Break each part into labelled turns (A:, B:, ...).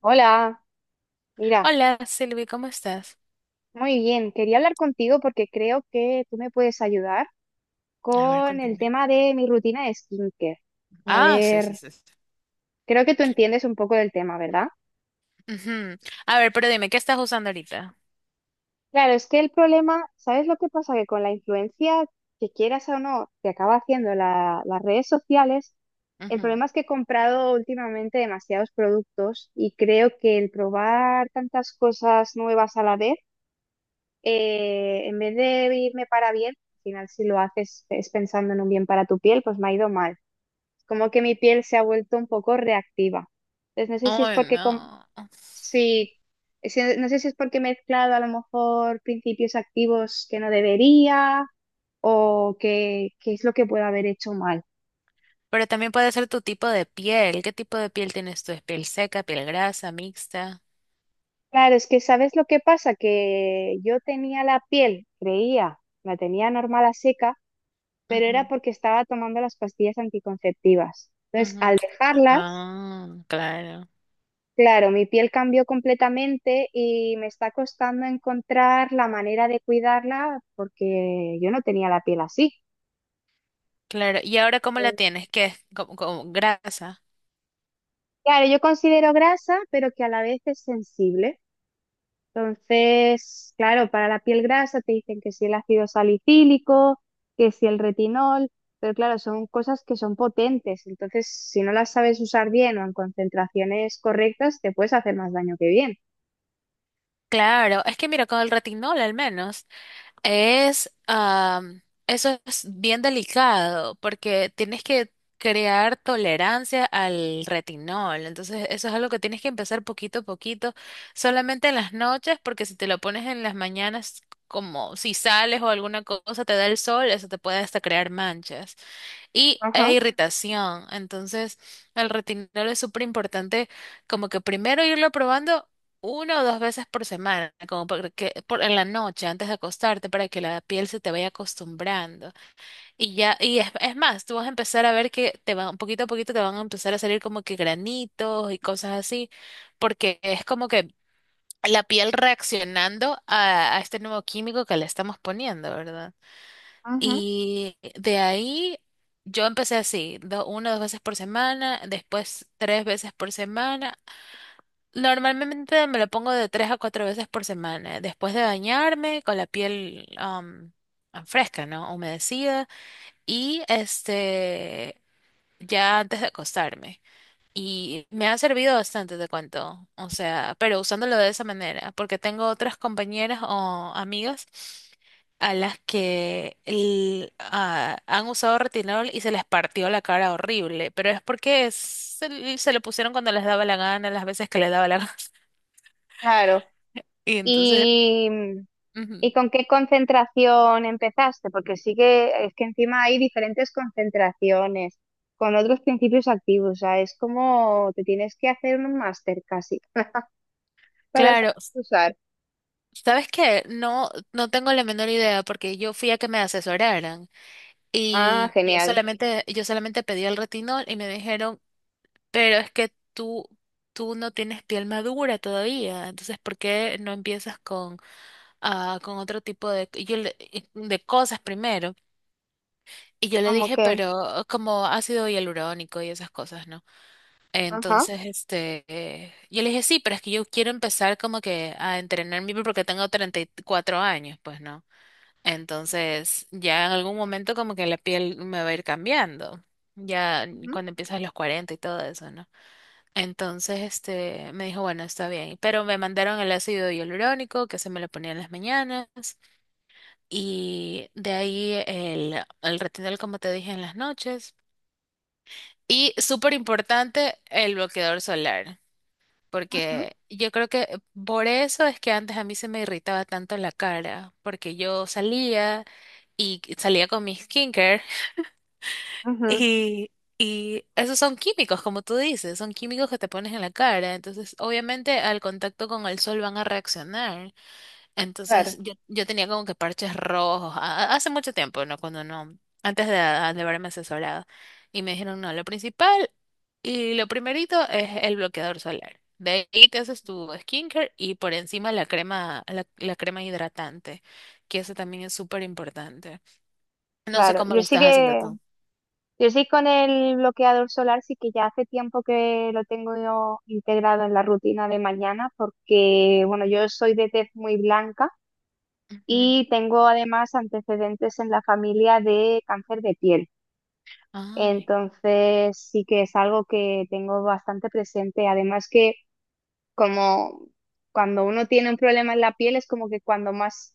A: Hola, mira,
B: Hola, Silvi, ¿cómo estás?
A: muy bien. Quería hablar contigo porque creo que tú me puedes ayudar
B: A ver,
A: con el
B: cuéntame.
A: tema de mi rutina de skincare. A
B: Ah, sí, sí,
A: ver,
B: sí, sí.
A: creo que tú entiendes un poco del tema, ¿verdad?
B: Ujú. A ver, pero dime, ¿qué estás usando ahorita?
A: Claro, es que el problema, ¿sabes lo que pasa? Que con la influencia que quieras o no, te acaba haciendo las redes sociales. El
B: Ujú.
A: problema es que he comprado últimamente demasiados productos y creo que el probar tantas cosas nuevas a la vez, en vez de irme para bien, al final si lo haces es pensando en un bien para tu piel, pues me ha ido mal. Como que mi piel se ha vuelto un poco reactiva. Entonces no sé si es
B: Oh,
A: porque
B: no.
A: sí, no sé si es porque he mezclado a lo mejor principios activos que no debería o que es lo que puedo haber hecho mal.
B: Pero también puede ser tu tipo de piel. ¿Qué tipo de piel tienes tú? ¿Es piel seca, piel grasa, mixta?
A: Claro, es que ¿sabes lo que pasa? Que yo tenía la piel, creía, la tenía normal a seca, pero era
B: Ujú,
A: porque estaba tomando las pastillas anticonceptivas. Entonces,
B: ujú.
A: al dejarlas,
B: Ah, claro.
A: claro, mi piel cambió completamente y me está costando encontrar la manera de cuidarla porque yo no tenía la piel así.
B: Claro. ¿Y ahora cómo la tienes? ¿Qué es? ¿Como grasa?
A: Claro, yo considero grasa, pero que a la vez es sensible. Entonces, claro, para la piel grasa te dicen que si el ácido salicílico, que si el retinol, pero claro, son cosas que son potentes. Entonces, si no las sabes usar bien o en concentraciones correctas, te puedes hacer más daño que bien.
B: Claro. Es que mira, con el retinol al menos. Eso es bien delicado porque tienes que crear tolerancia al retinol. Entonces, eso es algo que tienes que empezar poquito a poquito, solamente en las noches, porque si te lo pones en las mañanas, como si sales o alguna cosa, te da el sol, eso te puede hasta crear manchas e
A: Ajá,
B: irritación. Entonces, el retinol es súper importante, como que primero irlo probando una o dos veces por semana, como para que en la noche antes de acostarte, para que la piel se te vaya acostumbrando. Y ya, y es más, tú vas a empezar a ver que te van, poquito a poquito te van a empezar a salir como que granitos y cosas así, porque es como que la piel reaccionando a este nuevo químico que le estamos poniendo, ¿verdad?
A: ajá.
B: Y de ahí yo empecé así, una o dos veces por semana, después tres veces por semana. Normalmente me lo pongo de tres a cuatro veces por semana, después de bañarme con la piel fresca, ¿no? Humedecida. Y este, ya antes de acostarme. Y me ha servido bastante, te cuento. O sea, pero usándolo de esa manera, porque tengo otras compañeras o amigas a las que han usado retinol y se les partió la cara horrible, pero es porque se lo pusieron cuando les daba la gana, las veces que les daba la gana.
A: Claro.
B: Y entonces,
A: ¿Y,
B: ujú.
A: y con qué concentración empezaste? Porque sí que es que encima hay diferentes concentraciones con otros principios activos. O sea, es como te tienes que hacer un máster casi. Para saber
B: Claro,
A: usar.
B: ¿sabes qué? No, no tengo la menor idea porque yo fui a que me asesoraran.
A: Ah,
B: Y yo
A: genial.
B: solamente, yo solamente pedí el retinol y me dijeron, pero es que tú no tienes piel madura todavía, entonces ¿por qué no empiezas con otro tipo de, de cosas primero? Y yo le
A: Como
B: dije,
A: que,
B: pero como ácido hialurónico y esas cosas, ¿no?
A: ajá,
B: Entonces, este, yo le dije, sí, pero es que yo quiero empezar como que a entrenar mi piel porque tengo 34 años, pues, ¿no? Entonces, ya en algún momento como que la piel me va a ir cambiando, ya
A: ujú,
B: cuando empiezas los 40 y todo eso, ¿no? Entonces, este, me dijo, bueno, está bien, pero me mandaron el ácido hialurónico que se me lo ponía en las mañanas y de ahí el retinol, como te dije, en las noches. Y súper importante, el bloqueador solar,
A: ujú,
B: porque yo creo que por eso es que antes a mí se me irritaba tanto la cara, porque yo salía y salía con mi skincare.
A: ujú,
B: Y, y esos son químicos, como tú dices, son químicos que te pones en la cara. Entonces, obviamente, al contacto con el sol van a reaccionar. Entonces,
A: claro,
B: yo tenía como que parches rojos, hace mucho tiempo, ¿no? Cuando no, antes de haberme asesorado. Y me dijeron, no, lo principal y lo primerito es el bloqueador solar. De ahí te haces tu skincare y por encima la crema, la crema hidratante, que eso también es súper importante. No sé
A: claro.
B: cómo
A: Yo
B: lo
A: sí
B: estás haciendo
A: que,
B: tú.
A: yo sí con el bloqueador solar sí que ya hace tiempo que lo tengo yo integrado en la rutina de mañana porque, bueno, yo soy de tez muy blanca
B: Ujú.
A: y tengo además antecedentes en la familia de cáncer de piel.
B: Ay.
A: Entonces sí que es algo que tengo bastante presente. Además que, como cuando uno tiene un problema en la piel, es como que cuando más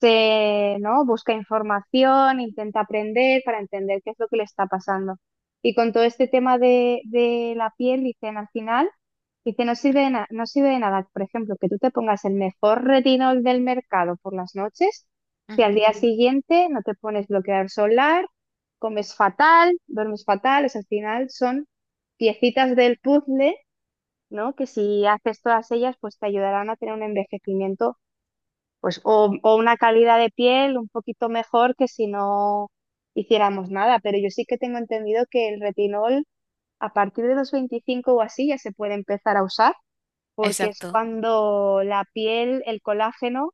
A: se, ¿no? Busca información, intenta aprender para entender qué es lo que le está pasando. Y con todo este tema de la piel, dicen al final, dice, no sirve de no sirve de nada, por ejemplo, que tú te pongas el mejor retinol del mercado por las noches, si al
B: Ujú,
A: día Ujú. Siguiente no te pones bloqueador solar, comes fatal, duermes fatal, o sea, al final son piecitas del puzzle, ¿no? Que si haces todas ellas, pues te ayudarán a tener un envejecimiento, pues, o una calidad de piel un poquito mejor que si no hiciéramos nada. Pero yo sí que tengo entendido que el retinol a partir de los 25 o así ya se puede empezar a usar, porque es
B: exacto,
A: cuando la piel, el colágeno,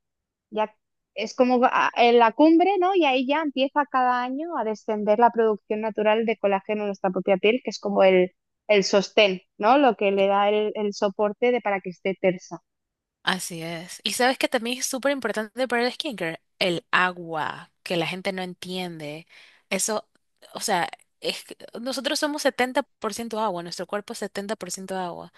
A: ya es como en la cumbre, ¿no? Y ahí ya empieza cada año a descender la producción natural de colágeno en nuestra propia piel, que es como el sostén, ¿no? Lo que le da el soporte de, para que esté tersa.
B: así es. Y sabes que también es súper importante para el skincare, el agua, que la gente no entiende. Eso, o sea, es que nosotros somos 70% agua, nuestro cuerpo es 70% agua.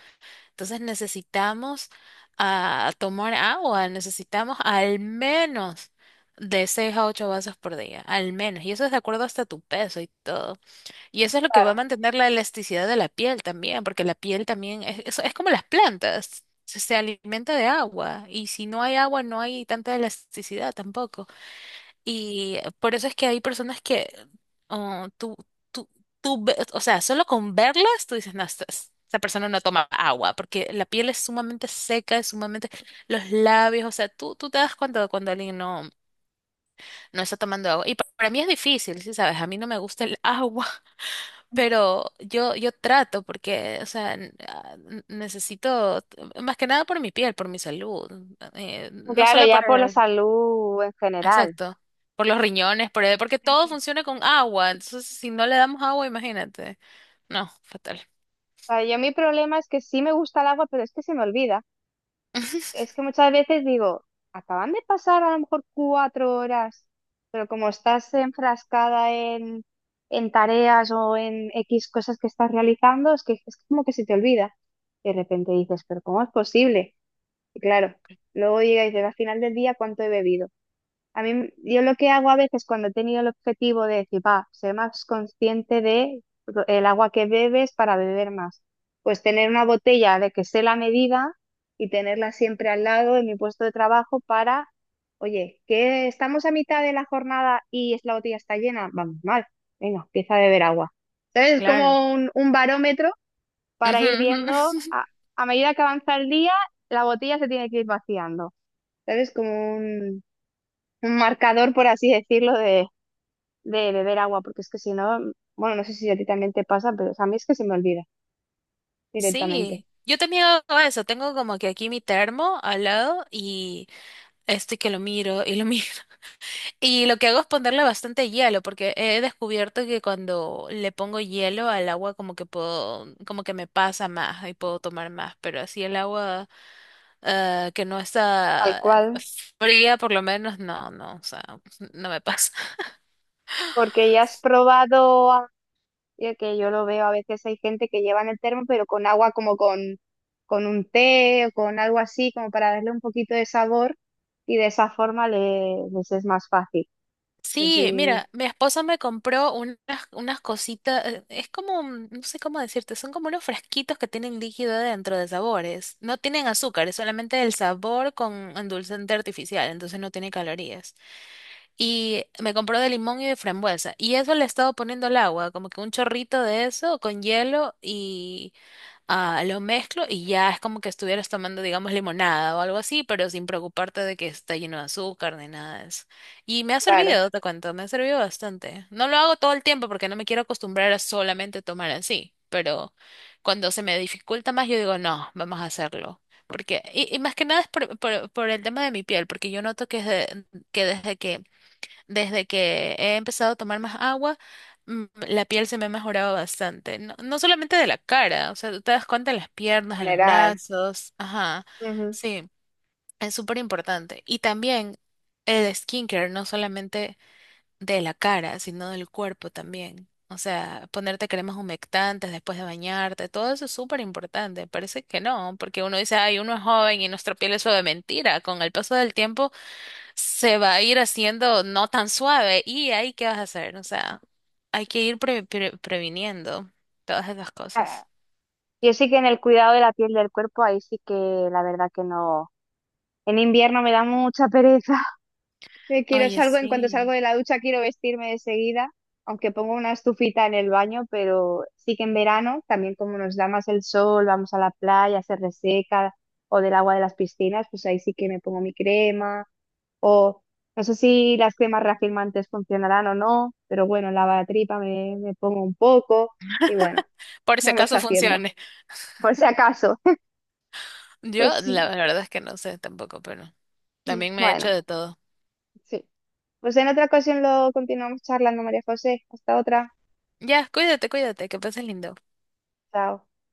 B: Entonces necesitamos tomar agua, necesitamos al menos de 6 a 8 vasos por día, al menos. Y eso es de acuerdo hasta tu peso y todo. Y eso es lo que va a
A: Claro,
B: mantener la elasticidad de la piel también, porque la piel también es como las plantas, se alimenta de agua y si no hay agua no hay tanta elasticidad tampoco. Y por eso es que hay personas que oh, tú, o sea, solo con verlas tú dices, no, esta persona no toma agua, porque la piel es sumamente seca, es sumamente los labios, o sea, tú te das cuenta de cuando alguien no, no está tomando agua. Y para mí es difícil, sí, sabes, a mí no me gusta el agua. Pero yo trato porque, o sea, necesito, más que nada por mi piel, por mi salud, no
A: claro,
B: solo
A: ya por la salud en general.
B: exacto, por los riñones, porque todo funciona con agua, entonces si no le damos agua, imagínate. No, fatal.
A: O sea, yo mi problema es que sí me gusta el agua, pero es que se me olvida. Es que muchas veces digo, acaban de pasar a lo mejor 4 horas, pero como estás enfrascada en tareas o en X cosas que estás realizando, es que es como que se te olvida. De repente dices, pero ¿cómo es posible? Y claro, luego llega y dices, al final del día, ¿cuánto he bebido? A mí, yo lo que hago a veces cuando he tenido el objetivo de decir, va, ser más consciente de el agua que bebes para beber más. Pues tener una botella de que sé la medida y tenerla siempre al lado en mi puesto de trabajo para, oye, que estamos a mitad de la jornada y la botella está llena, vamos mal, venga, empieza a beber agua. Entonces es
B: Claro.
A: como un barómetro para
B: Ujú,
A: ir
B: ujú.
A: viendo, a medida que avanza el día, la botella se tiene que ir vaciando. Entonces como un marcador, por así decirlo, de beber agua, porque es que si no, bueno, no sé si a ti también te pasa, pero a mí es que se me olvida directamente,
B: Sí, yo también hago eso, tengo como que aquí mi termo al lado y estoy que lo miro y lo miro. Y lo que hago es ponerle bastante hielo, porque he descubierto que cuando le pongo hielo al agua como que puedo, como que me pasa más y puedo tomar más, pero así el agua que no
A: tal
B: está
A: cual,
B: fría por lo menos, no, no, o sea, no me pasa.
A: porque ya has probado, ya que yo lo veo a veces hay gente que lleva en el termo, pero con agua como con un té o con algo así, como para darle un poquito de sabor y de esa forma le, les es más fácil.
B: Sí,
A: Sí,
B: mira, mi esposa me compró unas, cositas, es como, no sé cómo decirte, son como unos fresquitos que tienen líquido dentro de sabores, no tienen azúcar, es solamente el sabor con endulzante artificial, entonces no tiene calorías. Y me compró de limón y de frambuesa. Y eso le he estado poniendo el agua, como que un chorrito de eso con hielo y lo mezclo y ya es como que estuvieras tomando, digamos, limonada o algo así, pero sin preocuparte de que está lleno de azúcar ni nada de eso. Y me ha
A: claro,
B: servido, te cuento, me ha servido bastante. No lo hago todo el tiempo porque no me quiero acostumbrar a solamente tomar así, pero cuando se me dificulta más, yo digo, no, vamos a hacerlo. Porque, y más que nada es por el tema de mi piel, porque yo noto que, que desde que desde que he empezado a tomar más agua, la piel se me ha mejorado bastante. No, no solamente de la cara, o sea, tú te das cuenta en las
A: en
B: piernas, en los
A: general.
B: brazos. Ajá,
A: Ujú.
B: sí, es súper importante. Y también el skincare, no solamente de la cara, sino del cuerpo también. O sea, ponerte cremas humectantes después de bañarte, todo eso es súper importante. Parece que no, porque uno dice, ay, uno es joven y nuestra piel es suave. Mentira, con el paso del tiempo se va a ir haciendo no tan suave y ahí qué vas a hacer, o sea, hay que ir previniendo todas esas
A: Ah,
B: cosas.
A: yo sí que en el cuidado de la piel y del cuerpo, ahí sí que la verdad que no. En invierno me da mucha pereza. Me quiero
B: Oye,
A: salgo, en cuanto
B: sí.
A: salgo de la ducha quiero vestirme de seguida, aunque pongo una estufita en el baño, pero sí que en verano, también como nos da más el sol, vamos a la playa, se reseca, o del agua de las piscinas, pues ahí sí que me pongo mi crema, o no sé si las cremas reafirmantes funcionarán o no, pero bueno, lavatripa me, me pongo un poco, y bueno,
B: Por si
A: vamos
B: acaso
A: haciendo,
B: funcione.
A: por si acaso.
B: Yo
A: Pues
B: la verdad es que no sé tampoco, pero también me he hecho
A: bueno,
B: de todo.
A: sí. Pues en otra ocasión lo continuamos charlando, María José. Hasta otra.
B: Ya, cuídate, cuídate, que pases lindo.
A: Chao.